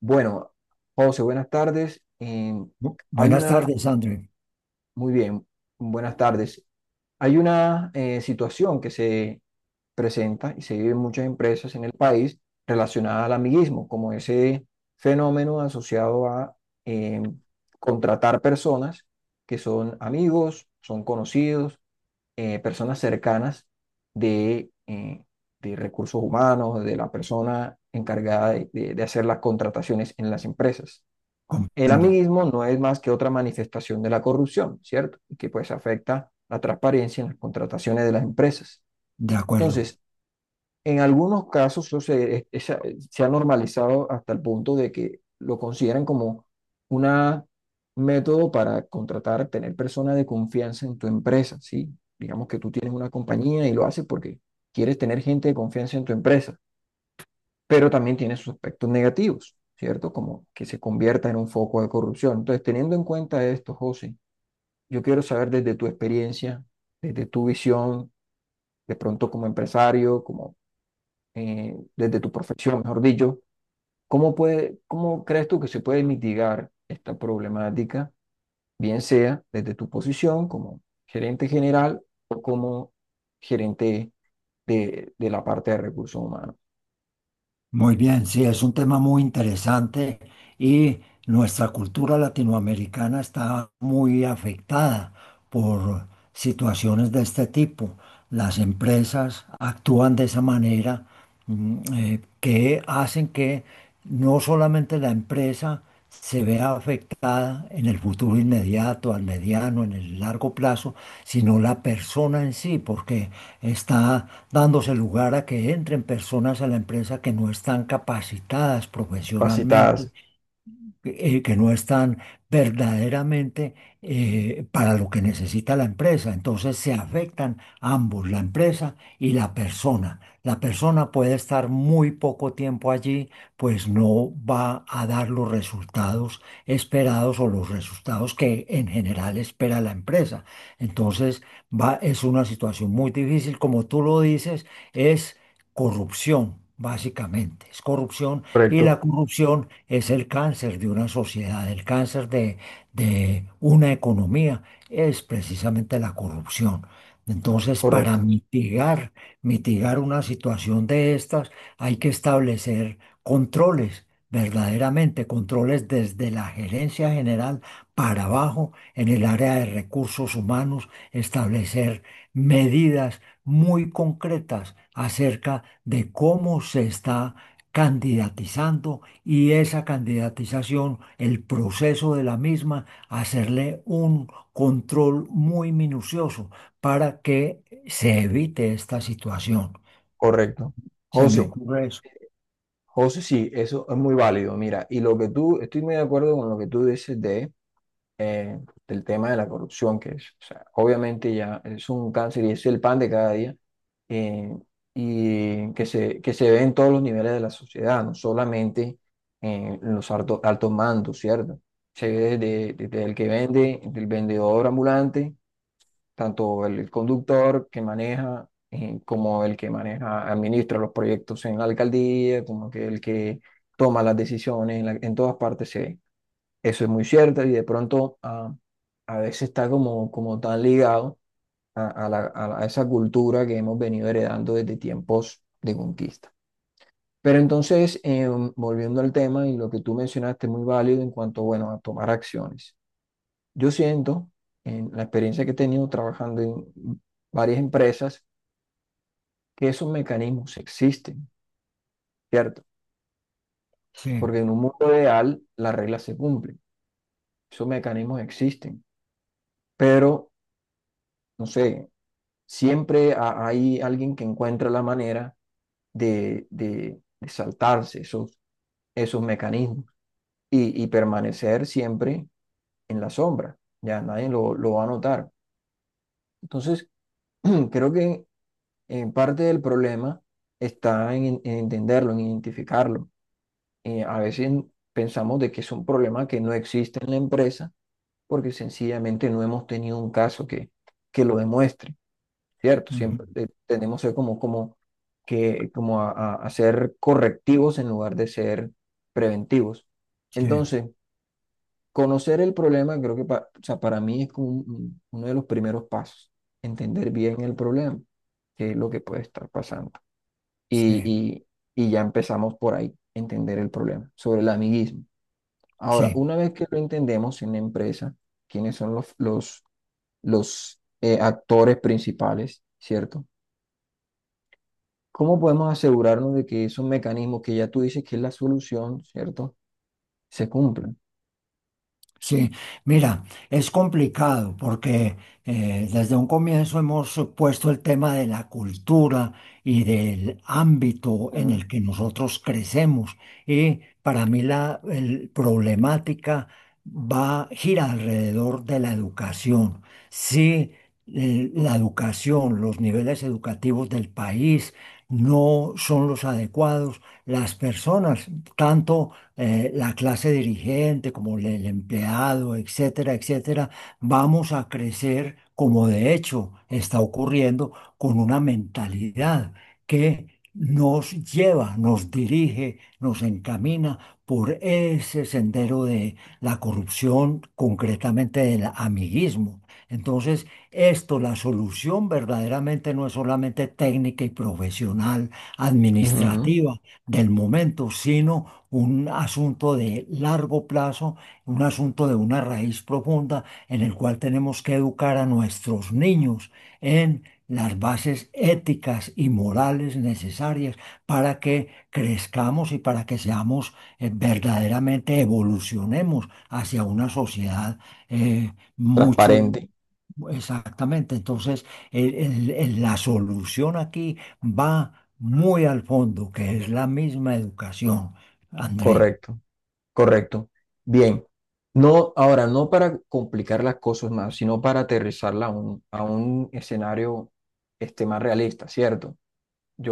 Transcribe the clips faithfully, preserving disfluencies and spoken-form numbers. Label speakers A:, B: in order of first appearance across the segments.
A: Bueno, José, buenas tardes. Em,
B: Bu-
A: hay
B: Buenas
A: una,
B: tardes, André.
A: muy bien, buenas tardes. Hay una eh, situación que se presenta y se vive en muchas empresas en el país relacionada al amiguismo, como ese fenómeno asociado a em, contratar personas que son amigos, son conocidos, eh, personas cercanas de, eh, de recursos humanos, de la persona encargada de de- de hacer las contrataciones en las empresas. El
B: Comprendo.
A: amiguismo no es más que otra manifestación de la corrupción, ¿cierto? Y que pues afecta la transparencia en las contrataciones de las empresas.
B: De acuerdo.
A: Entonces, en algunos casos eso se, es- esa- se ha normalizado hasta el punto de que lo consideran como un método para contratar, tener personas de confianza en tu empresa, ¿sí? Digamos que tú tienes una compañía y lo haces porque quieres tener gente de confianza en tu empresa pero también tiene sus aspectos negativos, ¿cierto? Como que se convierta en un foco de corrupción. Entonces, teniendo en cuenta esto, José, yo quiero saber desde tu experiencia, desde tu visión, de pronto como empresario, como eh, desde tu profesión, mejor dicho, ¿cómo puede, cómo crees tú que se puede mitigar esta problemática, bien sea desde tu posición como gerente general o como gerente de, de la parte de recursos humanos?
B: Muy bien, sí, es un tema muy interesante y nuestra cultura latinoamericana está muy afectada por situaciones de este tipo. Las empresas actúan de esa manera mm, eh, que hacen que no solamente la empresa se vea afectada en el futuro inmediato, al mediano, en el largo plazo, sino la persona en sí, porque está dándose lugar a que entren personas a la empresa que no están capacitadas profesionalmente,
A: Capacitarse,
B: eh, que no están verdaderamente eh, para lo que necesita la empresa. Entonces se afectan ambos, la empresa y la persona. La persona puede estar muy poco tiempo allí, pues no va a dar los resultados esperados o los resultados que en general espera la empresa. Entonces va, es una situación muy difícil, como tú lo dices, es corrupción, básicamente. Es corrupción y la
A: correcto,
B: corrupción es el cáncer de una sociedad, el cáncer de, de una economía es precisamente la corrupción. Entonces, para
A: correcto.
B: mitigar, mitigar una situación de estas, hay que establecer controles, verdaderamente controles desde la gerencia general para abajo, en el área de recursos humanos, establecer medidas muy concretas acerca de cómo se está candidatizando, y esa candidatización, el proceso de la misma, hacerle un control muy minucioso para que se evite esta situación.
A: Correcto.
B: Se me
A: José,
B: ocurre eso.
A: José, sí, eso es muy válido. Mira, y lo que tú, estoy muy de acuerdo con lo que tú dices de, eh, del tema de la corrupción, que es, o sea, obviamente ya es un cáncer y es el pan de cada día, eh, y que se, que se ve en todos los niveles de la sociedad, no solamente en los alto- altos mandos, ¿cierto? Se ve desde, desde el que vende, del vendedor ambulante tanto el conductor que maneja eh, como el que maneja, administra los proyectos en la alcaldía, como que el que toma las decisiones, en, la- en todas partes se ve. Eso es muy cierto y de pronto ah, a veces está como, como tan ligado a, a la- a la- a esa cultura que hemos venido heredando desde tiempos de conquista. Pero entonces, em, volviendo al tema y lo que tú mencionaste, muy válido en cuanto, bueno, a tomar acciones. Yo siento, en la experiencia que he tenido trabajando en varias empresas, que esos mecanismos existen, ¿cierto?
B: Sí,
A: Porque en un mundo ideal las reglas se cumplen, esos mecanismos existen, pero, no sé, siempre ha- hay alguien que encuentra la manera de, de- de saltarse esos, esos mecanismos y, y permanecer siempre en la sombra, ya nadie lo, lo va a notar. Entonces, creo que eh, parte del problema está en, en entenderlo, en identificarlo. Eh, a veces pensamos de que es un problema que no existe en la empresa porque sencillamente no hemos tenido un caso que, que lo demuestre, ¿cierto?
B: ujú,
A: Siempre eh, tenemos eh, como, como, que, como a, a- a ser correctivos en lugar de ser preventivos.
B: sí,
A: Entonces, conocer el problema creo que pa- o sea, para mí es como un- un- uno de los primeros pasos, entender bien el problema, qué es lo que puede estar pasando y,
B: sí,
A: y- y ya empezamos por ahí, entender el problema sobre el amiguismo. Ahora,
B: sí.
A: una vez que lo entendemos en la empresa, quiénes son los, los, los eh, actores principales, ¿cierto? ¿Cómo podemos asegurarnos de que esos mecanismos que ya tú dices que es la solución, ¿cierto? Se cumplan.
B: Sí, mira, es complicado porque eh, desde un comienzo hemos puesto el tema de la cultura y del ámbito en
A: Ujú.
B: el que nosotros crecemos. Y para mí la el- problemática va, gira alrededor de la educación. Si eh, la educación, los niveles educativos del país no son los adecuados, las personas, tanto eh, la clase dirigente, como el, el empleado, etcétera, etcétera, vamos a crecer, como de hecho está ocurriendo, con una mentalidad que nos lleva, nos dirige, nos encamina por ese sendero de la corrupción, concretamente del amiguismo. Entonces, esto, la solución verdaderamente no es solamente técnica y profesional,
A: Ujú.
B: administrativa, del momento, sino un asunto de largo plazo, un asunto de una raíz profunda en el cual tenemos que educar a nuestros niños en las bases éticas y morales necesarias para que crezcamos y para que seamos eh, verdaderamente evolucionemos hacia una sociedad eh, mucho...
A: Transparente,
B: Exactamente, entonces el- el- el- la solución aquí va muy al fondo, que es la misma educación, André.
A: correcto. Correcto. Bien. No, ahora, no para complicar las cosas más, sino para aterrizarla a un, a un escenario este, más realista, ¿cierto?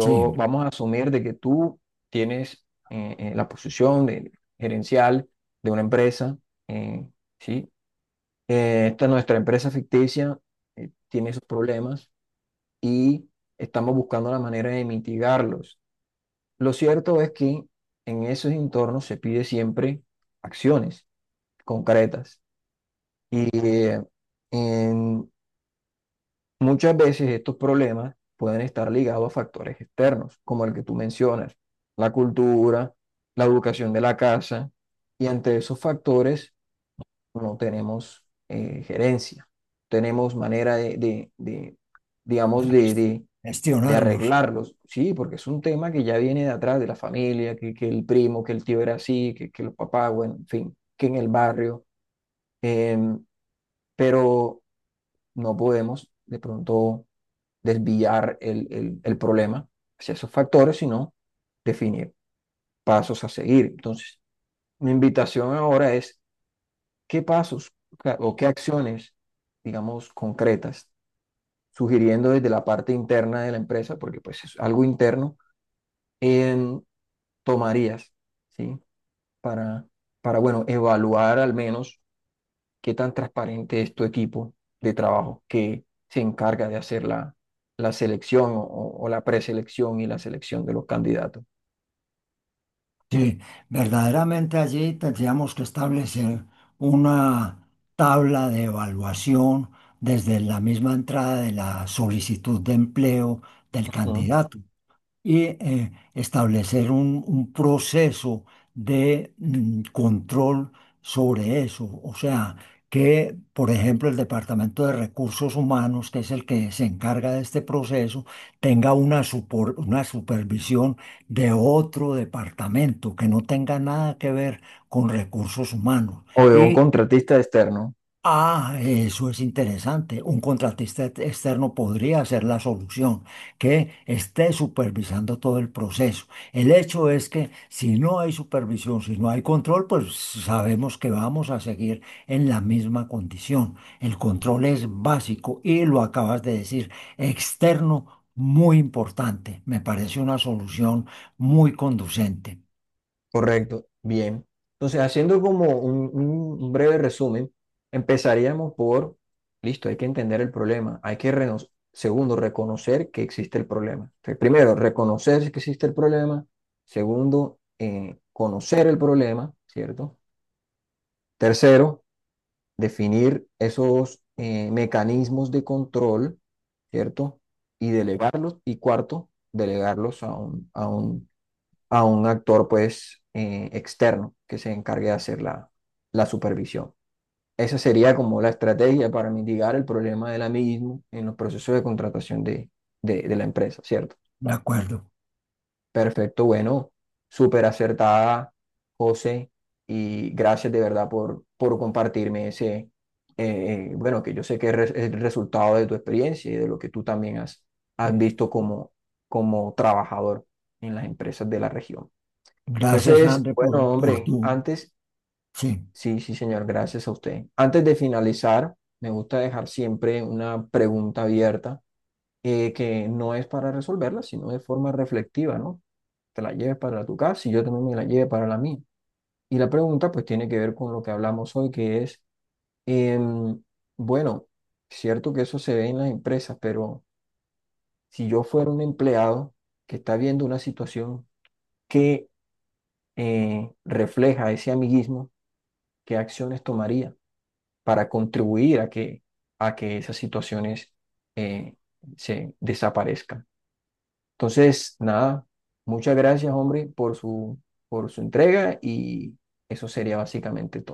B: Sí,
A: vamos a asumir de que tú tienes eh, eh, la posición de gerencial de una empresa, eh, ¿sí? Eh, esta nuestra empresa ficticia, eh, tiene esos problemas y estamos buscando la manera de mitigarlos. Lo cierto es que en esos entornos se pide siempre acciones concretas. Y eh, en- muchas veces estos problemas pueden estar ligados a factores externos, como el que tú mencionas, la cultura, la educación de la casa, y ante esos factores no tenemos eh, gerencia, tenemos manera de, de- de,
B: de
A: digamos, de, de- de
B: gestionarlos.
A: arreglarlos. Sí, porque es un tema que ya viene de atrás, de la familia, que, que el primo, que el tío era así, que, que los papás, bueno, en fin, que en el barrio. em, pero no podemos de pronto desviar el, el- el problema hacia esos factores, sino definir pasos a seguir. Entonces, mi invitación ahora es qué pasos o qué acciones, digamos, concretas, sugiriendo desde la parte interna de la empresa, porque pues es algo interno, en tomarías, ¿sí? Para, para, bueno, evaluar al menos qué tan transparente es tu equipo de trabajo que se encarga de hacer la, la selección o, o- o la preselección y la selección de los candidatos.
B: Sí, verdaderamente allí tendríamos que establecer una tabla de evaluación desde la misma entrada de la solicitud de empleo del
A: Ujú.
B: candidato. Y eh, establecer un, un proceso de mm, control sobre eso. O sea, que, por ejemplo, el Departamento de Recursos Humanos, que es el que se encarga de este proceso, tenga una, supor- una supervisión de otro departamento que no tenga nada que ver con recursos humanos.
A: O de un
B: Y...
A: contratista externo.
B: Ah, eso es interesante. Un contratista ex- externo podría ser la solución, que esté supervisando todo el proceso. El hecho es que si no hay supervisión, si no hay control, pues sabemos que vamos a seguir en la misma condición. El control es básico, y lo acabas de decir, externo muy importante. Me parece una solución muy conducente.
A: Correcto, bien. Entonces, haciendo como un, un- un breve resumen, empezaríamos por, listo, hay que entender el problema, hay que, reno- segundo, reconocer que existe el problema. Entonces, primero, reconocer que existe el problema. Segundo, eh, conocer el problema, ¿cierto? Tercero, definir esos eh, mecanismos de control, ¿cierto? Y delegarlos. Y cuarto, delegarlos a un, a un, a un actor, pues, eh, externo que se encargue de hacer la, la supervisión. Esa sería como la estrategia para mitigar el problema del amiguismo en los procesos de contratación de, de, de la empresa, ¿cierto?
B: De acuerdo.
A: Perfecto, bueno, súper acertada, José, y gracias de verdad por, por compartirme ese, eh, eh, bueno, que yo sé que es re- es el resultado de tu experiencia y de lo que tú también has, has visto como, como trabajador en las empresas de la región.
B: Gracias,
A: Entonces,
B: André,
A: bueno,
B: por, por
A: hombre,
B: tu...
A: antes,
B: Sí.
A: sí, sí, señor, gracias a usted. Antes de finalizar, me gusta dejar siempre una pregunta abierta, eh, que no es para resolverla, sino de forma reflexiva, ¿no? Te la lleves para tu casa y yo también me la lleve para la mía. Y la pregunta pues tiene que ver con lo que hablamos hoy, que es, em, bueno, cierto que eso se ve en las empresas, pero si yo fuera un empleado que está viendo una situación que eh, refleja ese amiguismo, ¿qué acciones tomaría para contribuir a que, a que esas situaciones eh, se desaparezcan? Entonces, nada, muchas gracias, hombre, por su, por su entrega y eso sería básicamente todo.